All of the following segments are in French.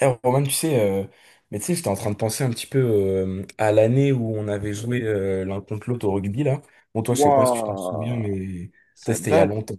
Eh, Roman, tu sais, mais tu sais, j'étais en train de penser un petit peu à l'année où on avait joué l'un contre l'autre au rugby, là. Bon, toi, je sais pas si tu te souviens, Waouh, mais peut-être ça c'était il y a date. longtemps.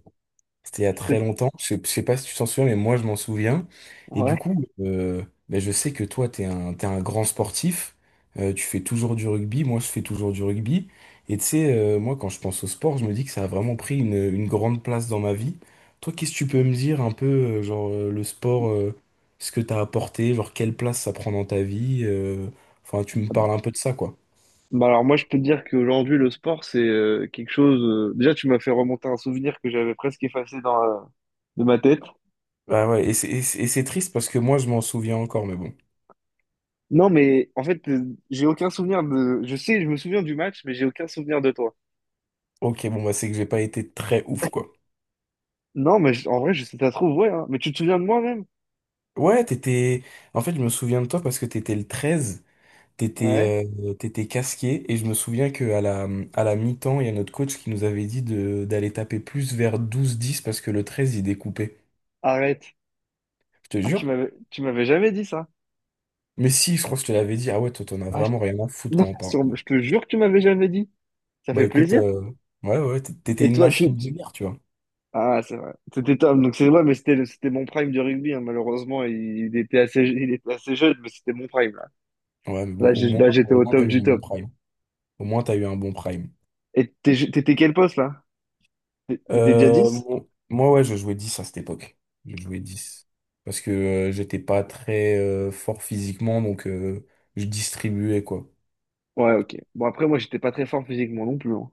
C'était il y a très C'est- longtemps. Je sais pas si tu t'en souviens, mais moi, je m'en souviens. Et du Ouais. coup, ben, je sais que toi, t'es un grand sportif. Tu fais toujours du rugby. Moi, je fais toujours du rugby. Et tu sais, moi, quand je pense au sport, je me dis que ça a vraiment pris une grande place dans ma vie. Toi, qu'est-ce que tu peux me dire un peu, genre, le sport, ce que t'as apporté, genre, quelle place ça prend dans ta vie? Enfin, tu me parles un peu de ça, quoi. Bah alors moi je peux te dire qu'aujourd'hui le sport c'est quelque chose. Déjà tu m'as fait remonter un souvenir que j'avais presque effacé dans de ma tête. Bah ouais, et c'est triste parce que moi, je m'en souviens encore, mais bon. Non mais en fait j'ai aucun souvenir de. Je sais, je me souviens du match, mais j'ai aucun souvenir de toi. Ok, bon, bah, c'est que j'ai pas été très ouf, quoi. Non mais en vrai je sais ça se trouve ouais. Hein. Mais tu te souviens de moi-même? Ouais, t'étais. En fait, je me souviens de toi parce que t'étais le 13, Ouais. t'étais casqué, et je me souviens que à la mi-temps, il y a notre coach qui nous avait dit de d'aller taper plus vers 12 10 parce que le 13, il découpait. Arrête. Je te Ah tu jure. m'avais tu m'avais jamais dit ça. Mais si, je crois que je te l'avais dit, ah ouais, toi, t'en as Ah, je... vraiment rien à foutre Non, quand on parle. Bon. je te jure que tu m'avais jamais dit. Ça Bah fait écoute, plaisir. Ouais, ouais, t'étais Et une toi tu, machine de guerre, tu vois. Ah, c'est vrai. C'était Tom, donc c'est vrai, mais c'était mon prime du rugby, hein. Malheureusement, il était assez jeune, mais c'était mon prime, là. Ouais, mais bon, Là, au j'ai- moins, là, j'étais au au moins t'as top eu du un bon top. prime. Au moins, t'as eu un bon prime. Et t'étais quel poste, là? T'étais déjà Euh, 10? mon- moi, ouais, je jouais 10 à cette époque. Je jouais dix. Parce que j'étais pas très fort physiquement, donc je distribuais, quoi. Ouais, ok. Bon, après, moi, j'étais pas très fort physiquement non plus, hein.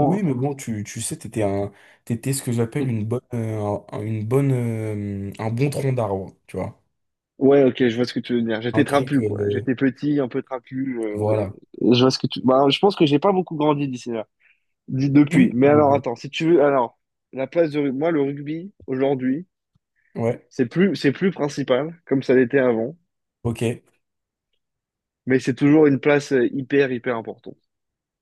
Oui, mais bon, tu sais, t'étais ce que j'appelle Hein. une bonne, un bon tronc d'arbre, tu vois. Ouais, ok, je vois ce que tu veux dire. J'étais Un truc, trapu, quoi. J'étais petit, un peu trapu. Voilà. Et je vois ce que tu... Bah, je pense que j'ai pas beaucoup grandi d'ici là, depuis. Oui, Mais mais alors, bon, attends, si tu veux... Alors, la place de... Moi, le rugby, aujourd'hui... ouais, C'est plus principal, comme ça l'était avant, ok, mais c'est toujours une place hyper, hyper importante.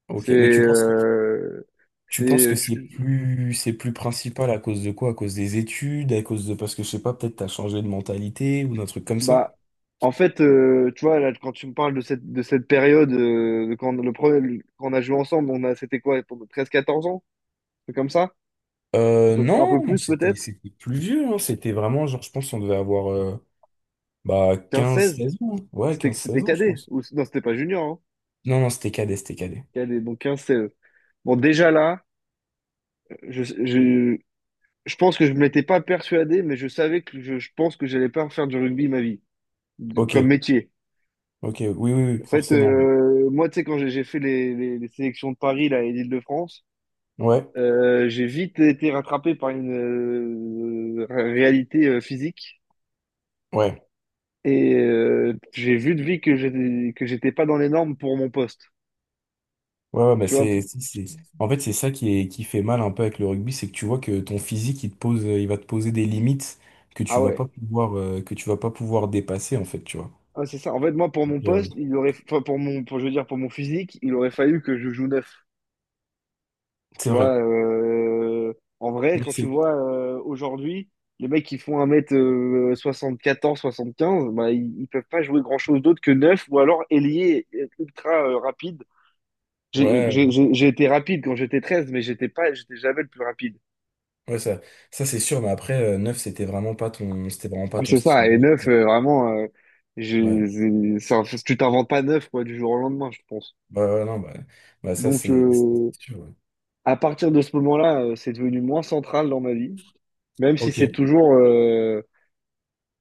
ok. C'est, Mais tu penses, euh, c'est, tu penses que euh, je c'est suis- plus, c'est plus principal à cause de quoi? À cause des études, parce que je sais pas, peut-être t'as changé de mentalité ou d'un truc comme ça? Bah, en fait, tu vois, là, quand tu me parles de cette période, de quand, le premier, quand on a joué ensemble, on a, c'était quoi, pour 13-14 ans? C'est comme ça? Euh, Un non, peu plus, c'était peut-être? c'était plus vieux, hein. C'était vraiment genre, je pense on devait avoir bah quinze quinze seize seize ans. hein. Ouais, C'était, quinze c'était seize ans, je cadet? pense. Ou, non, c'était pas junior, hein. Non, non, c'était cadet, c'était cadet. Cadet, donc quinze 16. Bon, déjà là, je, je, je pense que je ne m'étais pas persuadé, mais je savais que je pense que j'allais pas faire du rugby ma vie. Comme Ok, métier. ok, oui, oui, oui, En fait, forcément. Moi, tu sais, quand j'ai fait les sélections de Paris là, et d'Île-de-France, Ouais, j'ai vite été rattrapé par une réalité physique ouais, et j'ai vu de vie que j'étais pas dans les normes pour mon poste. ouais, ouais, bah Tu vois? En fait, c'est ça qui fait mal un peu avec le rugby, c'est que tu vois que ton physique, il va te poser des limites Ah ouais. Que tu vas pas pouvoir dépasser, en fait, tu vois. Ah, c'est ça. En fait, moi, pour mon Euh, poste, il aurait, enfin, je veux dire, pour mon physique, il aurait fallu que je joue neuf. Tu c'est vois, vrai. En vrai, Mais quand tu c'est- vois aujourd'hui, les mecs qui font 1m74-1m75 bah, ils peuvent pas jouer grand-chose d'autre que neuf ou alors ailier ultra rapide. J'ai Ouais, j'ai- j'ai- j'ai été rapide quand j'étais 13 mais j'étais jamais le plus rapide. ouais, ça c'est sûr, mais après, 9, c'était vraiment pas Ah, ton c'est ça, style. et neuf, vraiment, Ouais, je- tu t'inventes pas neuf quoi, du jour au lendemain, je pense. ouais, ouais, non, bah ça Donc, c'est c'est sûr, ouais. à partir de ce moment-là, c'est devenu moins central dans ma vie, même si Ok, c'est toujours.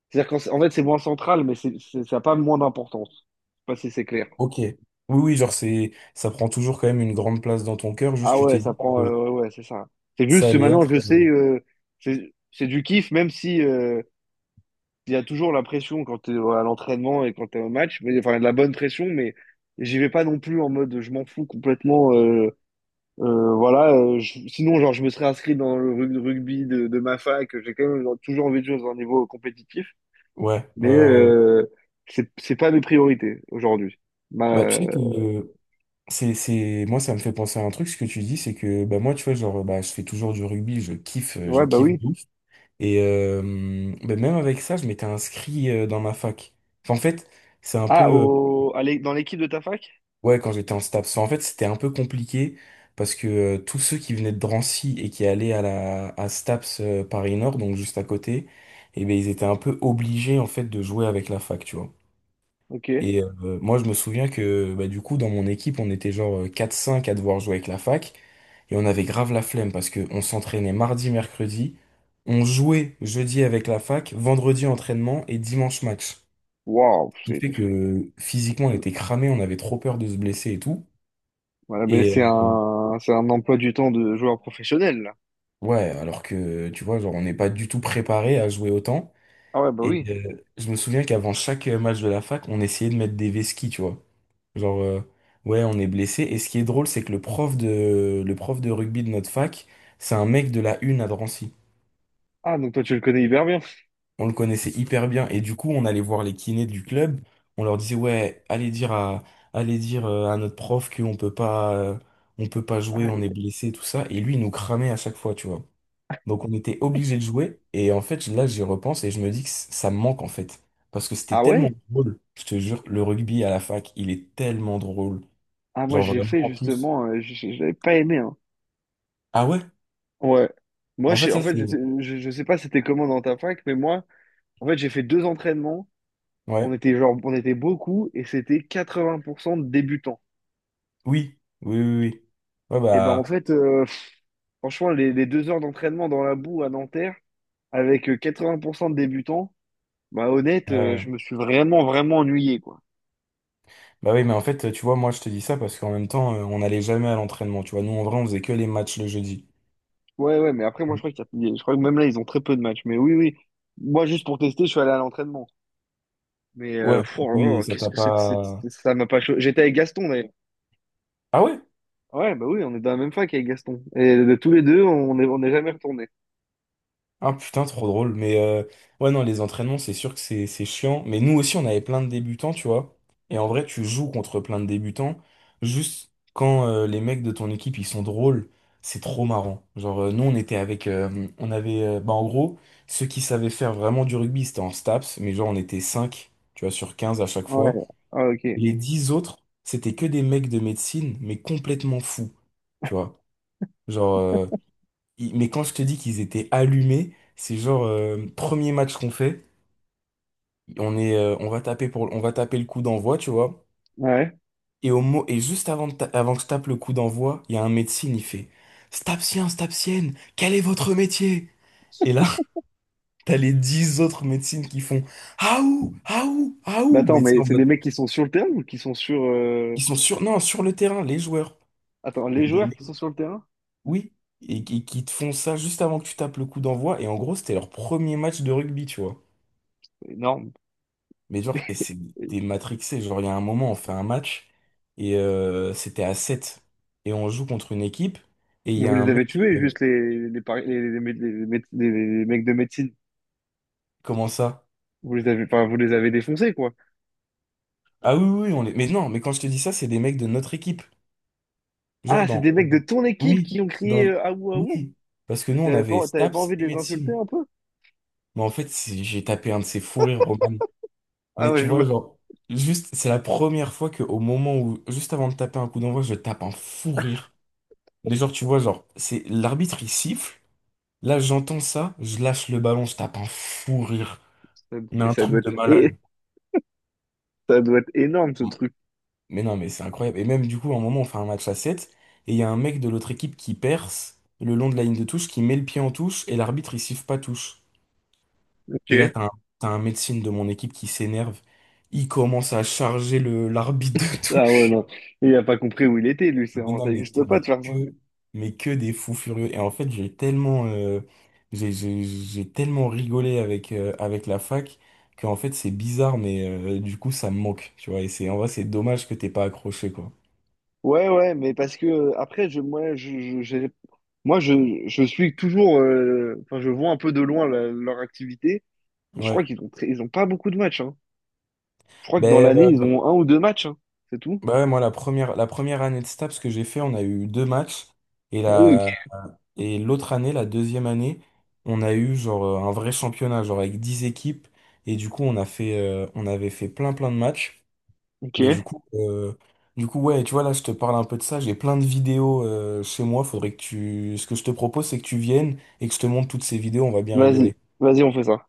C'est-à-dire qu'en fait, c'est moins central, mais ça n'a pas moins d'importance. Je sais pas si c'est clair. ok. Oui, oui, genre c'est ça prend toujours quand même une grande place dans ton cœur, juste Ah tu ouais, t'es ça dit prend. Que Ouais, ouais, c'est ça. C'est ça juste que allait maintenant, être. je sais, c'est du kiff, même si il y a toujours la pression quand t'es à l'entraînement et quand t'es au match. Mais, enfin, de la bonne pression, mais j'y vais pas non plus en mode je m'en fous complètement. Voilà, sinon, genre, je me serais inscrit dans le rugby de ma fac. J'ai quand même toujours envie de jouer dans un niveau compétitif, Ouais, ouais, mais ouais, ouais. C'est pas mes priorités aujourd'hui. Bah tu Ma, sais que moi ça me fait penser à un truc, ce que tu dis, c'est que bah moi tu vois, genre bah je fais toujours du rugby, je Ouais, bah kiffe oui. de ouf. Et bah, même avec ça, je m'étais inscrit dans ma fac. Enfin, en fait, c'est un Ah, peu. Dans l'équipe de ta fac? Ouais, quand j'étais en STAPS. En fait, c'était un peu compliqué parce que tous ceux qui venaient de Drancy et qui allaient à STAPS Paris Nord, donc juste à côté, eh ben ils étaient un peu obligés en fait de jouer avec la fac, tu vois. Ok. Et moi, je me souviens que bah, du coup, dans mon équipe, on était genre 4-5 à devoir jouer avec la fac et on avait grave la flemme parce que on s'entraînait mardi, mercredi, on jouait jeudi avec la fac, vendredi entraînement et dimanche match. Waouh, Ce qui c'est fait que physiquement, on était cramés, on avait trop peur de se blesser et tout. voilà, mais c'est et un, c'est un emploi du temps de joueur professionnel, là. Ouais, alors que tu vois, genre, on n'est pas du tout préparé à jouer autant. Ah ouais, bah Et oui. Je me souviens qu'avant chaque match de la fac, on essayait de mettre des vesquis, tu vois. Genre, ouais, on est blessé. Et ce qui est drôle, c'est que le prof de rugby de notre fac, c'est un mec de la une à Drancy. Ah, donc toi, tu le connais hyper bien. On le connaissait hyper bien. Et du coup, on allait voir les kinés du club. On leur disait, ouais, allez dire à notre prof qu'on peut pas Ah, jouer, l- on est blessé, tout ça. Et lui, il nous cramait à chaque fois, tu vois. Donc on était obligé de jouer. Et en fait, là, j'y repense et je me dis que ça me manque en fait. Parce que c'était ah tellement ouais? drôle. Je te jure, le rugby à la fac, il est tellement drôle. Ah, moi, Genre j'ai vraiment fait en plus. justement, j'avais pas aimé, hein. Ah ouais? Ouais. Moi, En fait, en ça fait, c'est. Je sais pas c'était comment dans ta fac, mais moi, en fait, j'ai fait deux entraînements. On Ouais. était genre, on était beaucoup et c'était 80% de débutants. Oui. Oui, oui, oui. Ouais, Et ben, en bah. fait, franchement, les 2 heures d'entraînement dans la boue à Nanterre, avec 80% de débutants, bah honnête, Ouais. Je Ouais. me suis vraiment, vraiment ennuyé, quoi. Bah oui, mais en fait, tu vois, moi je te dis ça parce qu'en même temps, on n'allait jamais à l'entraînement. Tu vois, nous en vrai, on faisait que les matchs le jeudi. Ouais, ouais, mais après, moi, je crois qu'il y a- je crois que même là, ils ont très peu de matchs. Mais oui, oui. Moi, juste pour tester, je suis allé à l'entraînement. Mais Ouais, pff, oh là oui, là, ça qu'est-ce t'a que c'est, pas. Ça m'a pas cho- J'étais avec Gaston, d'ailleurs. Ah ouais? Ouais, bah oui, on est dans la même fac avec Gaston. Et de tous les deux, on n'est jamais retournés. Ah putain, trop drôle. Mais ouais, non, les entraînements, c'est sûr que c'est chiant. Mais nous aussi, on avait plein de débutants, tu vois. Et en vrai, tu joues contre plein de débutants. Juste quand les mecs de ton équipe, ils sont drôles, c'est trop marrant. Genre, nous, on était avec. On avait. Bah, en gros, ceux qui savaient faire vraiment du rugby, c'était en STAPS. Mais genre, on était 5 tu vois, sur 15 à chaque Ouais. fois. Ah, ok. Les 10 autres, c'était que des mecs de médecine, mais complètement fous. Tu vois. Genre. Mais quand je te dis qu'ils étaient allumés, c'est genre premier match qu'on fait, on va taper le coup d'envoi, tu vois. Ouais. Et juste avant, avant que je tape le coup d'envoi, il y a un médecin, il fait Stapsien, Stapsienne, quel est votre métier? Et là, t'as les dix autres médecines qui font Aou, Aou, Bah Aou, attends, mais tu sais, mais en c'est des mode, mecs qui sont sur le terrain ou qui sont sur... ils sont sur, non, sur le terrain, les joueurs. Attends, Mais les des joueurs qui sont mecs- sur le terrain? oui, et qui te font ça juste avant que tu tapes le coup d'envoi. Et en gros, c'était leur premier match de rugby, tu vois. Énorme. Mais genre, et c'est des matrixés. Genre, il y a un moment, on fait un match et c'était à 7. Et on joue contre une équipe et il Mais y vous a un les avez mec. tués, euh, juste les, pari- les, mé- les mé- les mecs de médecine. comment ça? Enfin, vous les avez défoncés, quoi. Ah oui, oui, oui, on est. Mais non, mais quand je te dis ça, c'est des mecs de notre équipe. Genre Ah, c'est des dans. mecs de ton équipe Oui, qui ont crié dans. Ahou Ahou. Oui. Parce que Et nous, on t'avais avait pas, t'avais pas STAPS envie de et les insulter médecine. un peu? Mais en fait, j'ai tapé un de ces fous rires, Roman. Ah Mais ouais, tu vois, genre, juste, c'est la première fois que au moment où, juste avant de taper un coup d'envoi, je tape un fou rire. Mais genre, tu vois, genre, c'est l'arbitre, il siffle. Là, j'entends ça, je lâche le ballon, je tape un fou rire. Mais Mais un truc de malade. Ça doit être énorme, ce truc. Mais non, mais c'est incroyable. Et même du coup, à un moment, on fait un match à 7 et il y a un mec de l'autre équipe qui perce le long de la ligne de touche, qui met le pied en touche, et l'arbitre, il siffle pas touche. Ok. Et là, t'as un médecin de mon équipe qui s'énerve. Il commence à charger le l'arbitre de Ah ouais, non. Il a pas compris où il était, lui. Ça Mais non, ça existe pas de mais faire ça. que, mais que des fous furieux. Et en fait, j'ai tellement rigolé avec la fac que en fait, c'est bizarre, mais du coup, ça me manque, tu vois. Et c'est, en vrai, c'est dommage que t'aies pas accroché, quoi. Ouais, ouais, mais parce que après, je, moi, je, j'ai- moi, je suis toujours, enfin, je vois un peu de loin leur activité. Je crois Ouais. qu'ils ont pas beaucoup de matchs, hein. Je crois que dans Ben, l'année, ils ont un ou deux matchs, hein. C'est tout. bah ouais, moi, la première année de STAPS que j'ai fait, on a eu deux matchs. Et Ah oui, la, et l'autre année, la deuxième année, on a eu genre un vrai championnat, genre avec 10 équipes. Et du coup, on avait fait plein, plein de matchs. ok. Mais Ok. Du coup, ouais, tu vois, là, je te parle un peu de ça. J'ai plein de vidéos chez moi. Faudrait que tu. Ce que je te propose, c'est que tu viennes et que je te montre toutes ces vidéos. On va bien Vas-y, rigoler. vas-y, on fait ça.